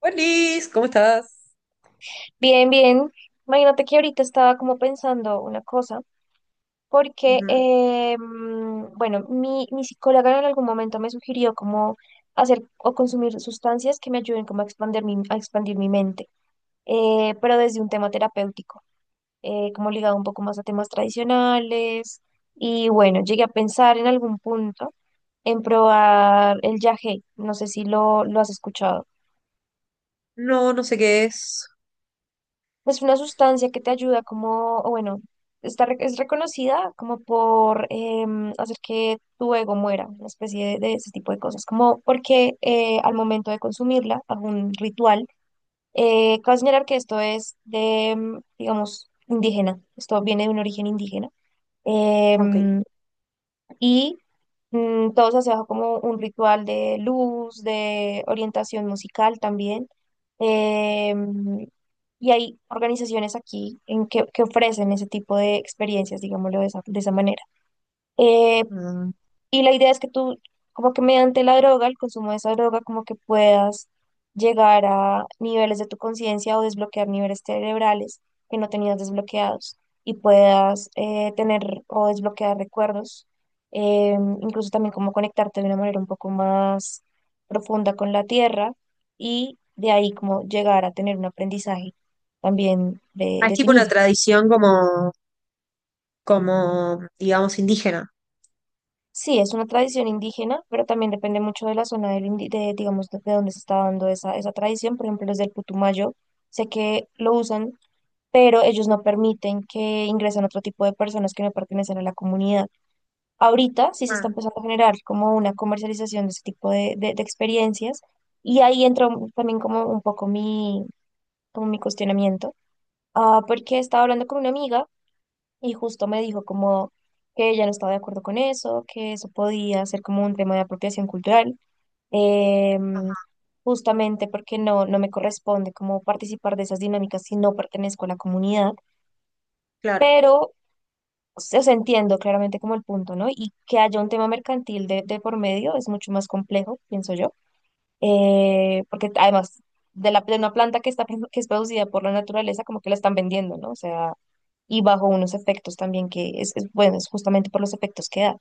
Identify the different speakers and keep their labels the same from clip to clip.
Speaker 1: Buenis, ¿cómo estás?
Speaker 2: Bien, bien. Imagínate que ahorita estaba como pensando una cosa, porque,
Speaker 1: Ujú.
Speaker 2: bueno, mi psicóloga en algún momento me sugirió como hacer o consumir sustancias que me ayuden como a expandir mi mente, pero desde un tema terapéutico, como ligado un poco más a temas tradicionales. Y bueno, llegué a pensar en algún punto en probar el yagé. No sé si lo has escuchado.
Speaker 1: No, no sé qué es.
Speaker 2: Es una sustancia que te ayuda como, o bueno, es reconocida como por hacer que tu ego muera, una especie de ese tipo de cosas, como porque al momento de consumirla, algún ritual. Cabe señalar que esto es digamos, indígena. Esto viene de un origen indígena.
Speaker 1: Ok.
Speaker 2: em, y todos hacían como un ritual de luz, de orientación musical también. Em, y hay organizaciones aquí en que ofrecen ese tipo de experiencias, digámoslo de esa manera. Eh,
Speaker 1: Mm.
Speaker 2: y la idea es que tú, como que mediante la droga, el consumo de esa droga, como que puedas llegar a niveles de tu conciencia o desbloquear niveles cerebrales que no tenías desbloqueados y puedas tener o desbloquear recuerdos, eh, incluso también como conectarte de una manera un poco más profunda con la tierra y de ahí como llegar a tener un aprendizaje también de,
Speaker 1: Ah, es
Speaker 2: de ti
Speaker 1: tipo una
Speaker 2: mismo.
Speaker 1: tradición como, como, digamos, indígena.
Speaker 2: Sí, es una tradición indígena, pero también depende mucho de la zona de, digamos, de dónde se está dando esa tradición. Por ejemplo, los del Putumayo, sé que lo usan, pero ellos no permiten que ingresen otro tipo de personas que no pertenecen a la comunidad. Ahorita sí se está
Speaker 1: Ah,
Speaker 2: empezando a generar como una comercialización de ese tipo de experiencias y ahí entra también como un poco como mi cuestionamiento. Porque estaba hablando con una amiga y justo me dijo como que ella no estaba de acuerdo con eso, que eso podía ser como un tema de apropiación cultural. em,
Speaker 1: ajá,
Speaker 2: justamente porque no me corresponde como participar de esas dinámicas si no pertenezco a la comunidad,
Speaker 1: claro,
Speaker 2: pero o sea, entiendo claramente como el punto, ¿no? Y que haya un tema mercantil de por medio es mucho más complejo, pienso yo. Porque además de una planta que es producida por la naturaleza, como que la están vendiendo, ¿no? O sea, y bajo unos efectos también que bueno, es justamente por los efectos que da.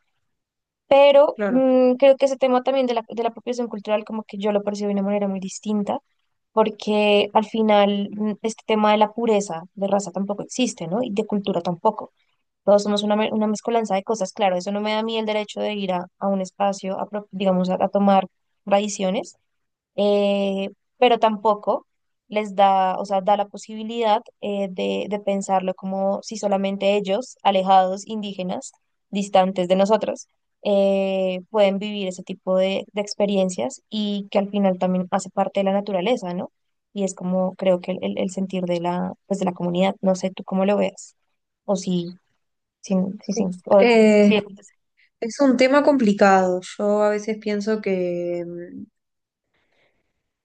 Speaker 2: Pero
Speaker 1: claro.
Speaker 2: creo que ese tema también de la apropiación cultural, como que yo lo percibo de una manera muy distinta, porque al final este tema de la pureza de raza tampoco existe, ¿no? Y de cultura tampoco. Todos somos una mezcolanza de cosas, claro, eso no me da a mí el derecho de ir a un espacio, digamos, a tomar tradiciones. Eh, pero tampoco les da, o sea, da la posibilidad de pensarlo como si solamente ellos, alejados, indígenas, distantes de nosotros, pueden vivir ese tipo de experiencias y que al final también hace parte de la naturaleza, ¿no? Y es como creo que el sentir pues de la comunidad, no sé tú cómo lo veas, o si, si, si, si-
Speaker 1: Uf,
Speaker 2: o si-,
Speaker 1: es un tema complicado. Yo a veces pienso que,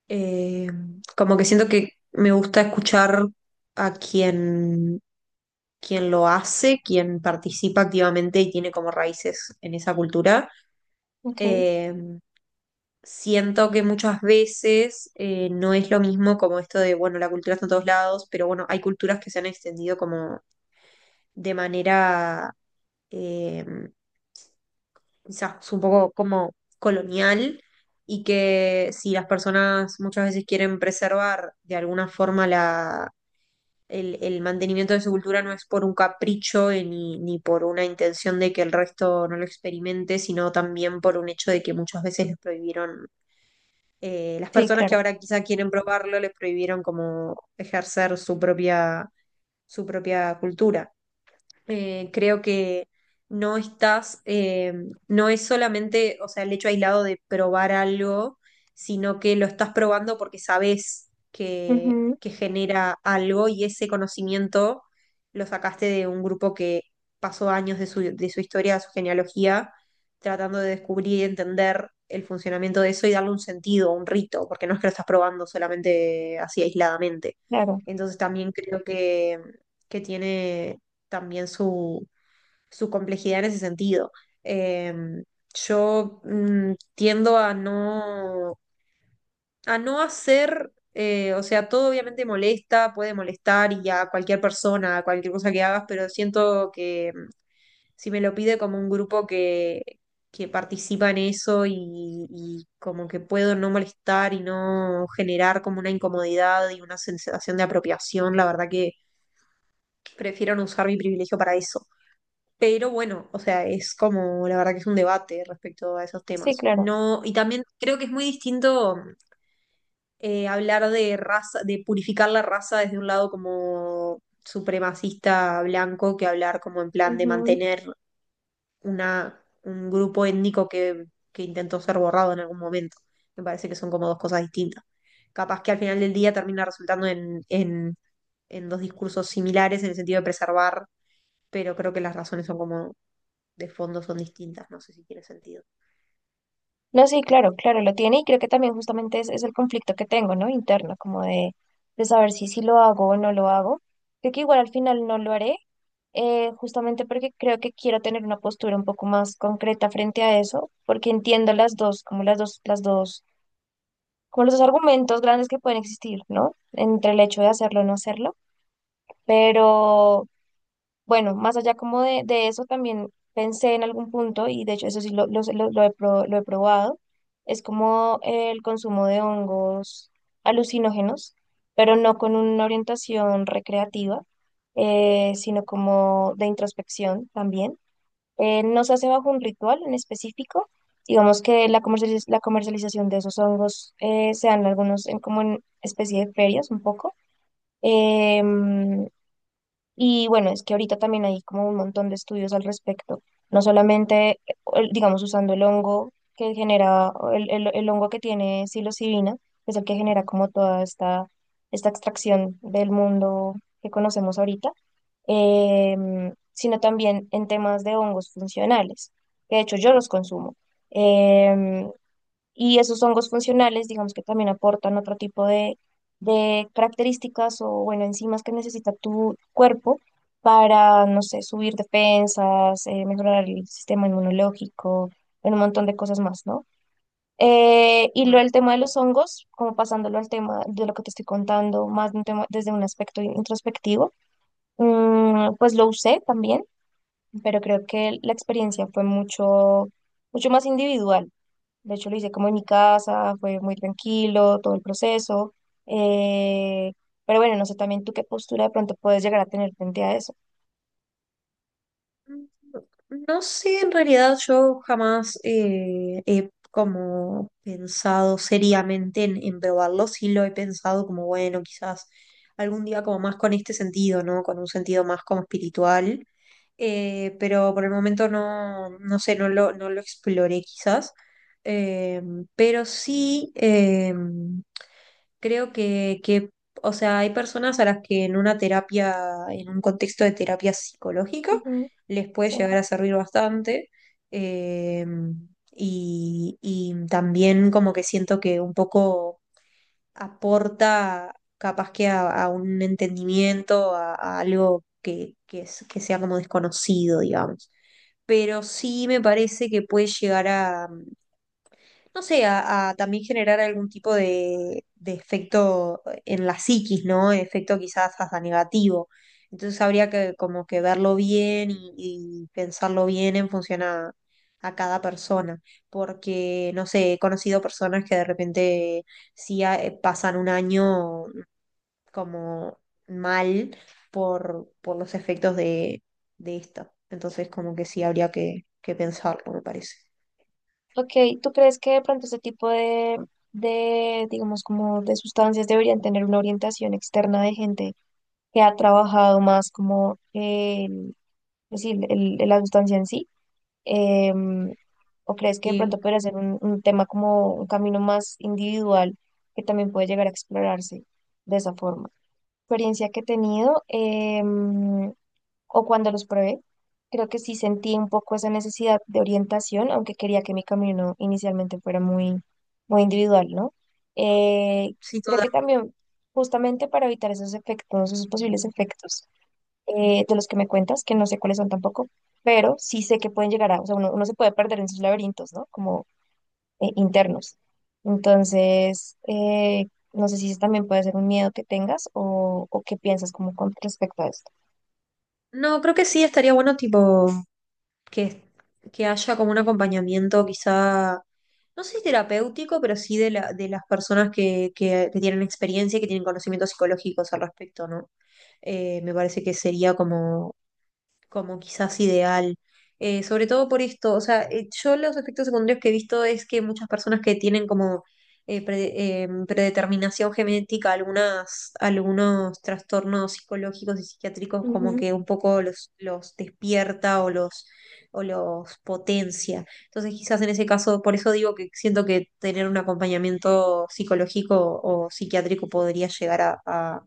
Speaker 1: eh, como que siento que me gusta escuchar a quien lo hace, quien participa activamente y tiene como raíces en esa cultura.
Speaker 2: ok,
Speaker 1: Eh, siento que muchas veces no es lo mismo como esto de, bueno, la cultura está en todos lados, pero bueno, hay culturas que se han extendido como de manera eh, quizás un poco como colonial y que si las personas muchas veces quieren preservar de alguna forma la... El mantenimiento de su cultura no es por un capricho ni por una intención de que el resto no lo experimente, sino también por un hecho de que muchas veces les prohibieron las
Speaker 2: sí,
Speaker 1: personas que
Speaker 2: claro,
Speaker 1: ahora quizá quieren probarlo les prohibieron como ejercer su propia cultura. Creo que no estás, no es solamente, o sea, el hecho aislado de probar algo, sino que lo estás probando porque sabes
Speaker 2: ujú,
Speaker 1: que genera algo y ese conocimiento lo sacaste de un grupo que pasó años de su historia, de su genealogía, tratando de descubrir y entender el funcionamiento de eso y darle un sentido, un rito, porque no es que lo estás probando solamente así aisladamente.
Speaker 2: claro,
Speaker 1: Entonces también creo que tiene también su complejidad en ese sentido. Em, yo tiendo a a no hacer, o sea, todo obviamente molesta, puede molestar y a cualquier persona, a cualquier cosa que hagas, pero siento que si me lo pide como un grupo que participa en eso y como que puedo no molestar y no generar como una incomodidad y una sensación de apropiación, la verdad que prefiero no usar mi privilegio para eso. Pero bueno, o sea, es como, la verdad que es un debate respecto a esos
Speaker 2: sí,
Speaker 1: temas.
Speaker 2: claro.
Speaker 1: No, y también creo que es muy distinto hablar de raza, de purificar la raza desde un lado como supremacista blanco que hablar como en plan de
Speaker 2: Ujú.
Speaker 1: mantener un grupo étnico que intentó ser borrado en algún momento. Me parece que son como dos cosas distintas. Capaz que al final del día termina resultando en en dos discursos similares en el sentido de preservar pero creo que las razones son como de fondo son distintas, no sé si tiene sentido.
Speaker 2: No, sí, claro, claro, lo tiene y creo que también justamente es el conflicto que tengo, ¿no? Interno, como de saber si sí lo hago o no lo hago. Creo que igual al final no lo haré, justamente porque creo que quiero tener una postura un poco más concreta frente a eso, porque entiendo las dos, como las dos, como los dos argumentos grandes que pueden existir, ¿no? Entre el hecho de hacerlo o no hacerlo, bueno, más allá como de eso, también pensé en algún punto, y de hecho eso sí lo he probado. Es como el consumo de hongos alucinógenos, pero no con una orientación recreativa, sino como de introspección también. No se hace bajo un ritual en específico. Digamos que la comercialización de esos hongos se dan algunos como en especie de ferias un poco. Em, y bueno, es que ahorita también hay como un montón de estudios al respecto, no solamente, digamos, usando el hongo que genera, o el hongo que tiene psilocibina, que es el que genera como toda esta extracción del mundo que conocemos ahorita, sino también en temas de hongos funcionales, que de hecho yo los consumo. Em, y esos hongos funcionales, digamos que también aportan otro tipo de características o, bueno, enzimas que necesita tu cuerpo para, no sé, subir defensas, mejorar el sistema inmunológico, en un montón de cosas más, ¿no? Y lo
Speaker 1: Ajá.
Speaker 2: el tema de los hongos, como pasándolo al tema de lo que te estoy contando, más de un tema, desde un aspecto introspectivo, pues lo usé también, pero creo que la experiencia fue mucho, mucho más individual. De hecho, lo hice como en mi casa, fue muy tranquilo todo el proceso. eh, pero bueno, no sé también tú qué postura de pronto puedes llegar a tener frente a eso.
Speaker 1: No sé, en realidad yo jamás he como pensado seriamente en probarlo, sí lo he pensado como, bueno, quizás algún día como más con este sentido, ¿no? Con un sentido más como espiritual, pero por el momento no, no sé, no no lo exploré quizás. Eh, pero sí... creo que, o sea, hay personas a las que en una terapia, en un contexto de terapia psicológica,
Speaker 2: Ujú,
Speaker 1: les puede
Speaker 2: sí.
Speaker 1: llegar a servir bastante. eh, y también como que siento que un poco aporta capaz que a un entendimiento, a algo que que sea como desconocido, digamos. Pero sí me parece que puede llegar no sé, a también generar algún tipo de efecto en la psiquis, ¿no? Efecto quizás hasta negativo. Entonces habría que como que verlo bien y pensarlo bien en función a cada persona, porque, no sé, he conocido personas que de repente sí pasan un año como mal por los efectos de esto. Entonces como que sí habría que pensarlo, me parece.
Speaker 2: Ok, ¿tú crees que de pronto este tipo digamos, como de sustancias deberían tener una orientación externa de gente que ha trabajado más como el, es decir, la sustancia en sí? Em, ¿O crees que de
Speaker 1: Y
Speaker 2: pronto podría ser un tema como un camino más individual que también puede llegar a explorarse de esa forma? Experiencia que he tenido o cuando los probé, creo que sí sentí un poco esa necesidad de orientación, aunque quería que mi camino inicialmente fuera muy, muy individual, ¿no? Eh,
Speaker 1: sí,
Speaker 2: Creo
Speaker 1: total.
Speaker 2: que también justamente para evitar esos efectos, esos posibles efectos de los que me cuentas, que no sé cuáles son tampoco, pero sí sé que pueden llegar a, o sea, uno se puede perder en sus laberintos, ¿no? Como internos. Entonces, no sé si eso también puede ser un miedo que tengas o qué piensas como con respecto a esto.
Speaker 1: No, creo que sí, estaría bueno tipo que, que haya como un acompañamiento quizá, no sé si terapéutico, pero sí de la, de las personas que tienen experiencia y que tienen conocimientos psicológicos al respecto, ¿no? Me parece que sería como como quizás ideal. Sobre todo por esto, o sea, yo los efectos secundarios que he visto es que muchas personas que tienen como predeterminación genética, algunas, algunos trastornos psicológicos y psiquiátricos como
Speaker 2: Ujú,
Speaker 1: que un poco los despierta o o los potencia. Entonces quizás en ese caso, por eso digo que siento que tener un acompañamiento psicológico o psiquiátrico podría llegar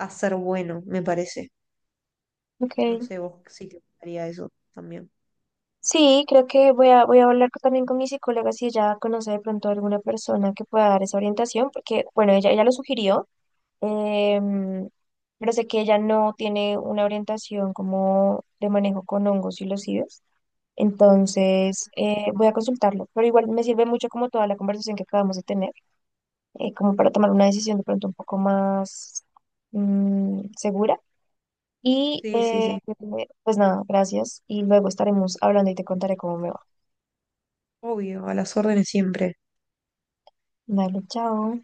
Speaker 1: a ser bueno, me parece. No
Speaker 2: ok.
Speaker 1: sé vos si te gustaría eso también.
Speaker 2: Sí, creo que voy a hablar también con mi psicóloga si ella conoce de pronto alguna persona que pueda dar esa orientación, porque, bueno, ella lo sugirió. Em, pero sé que ella no tiene una orientación como de manejo con hongos y los IDES. Entonces, voy a consultarlo, pero igual me sirve mucho como toda la conversación que acabamos de tener, como para tomar una decisión de pronto un poco más segura. Y
Speaker 1: Sí, sí, sí.
Speaker 2: pues nada, gracias. Y luego estaremos hablando y te contaré cómo me va.
Speaker 1: Obvio, a las órdenes siempre.
Speaker 2: Dale, chao.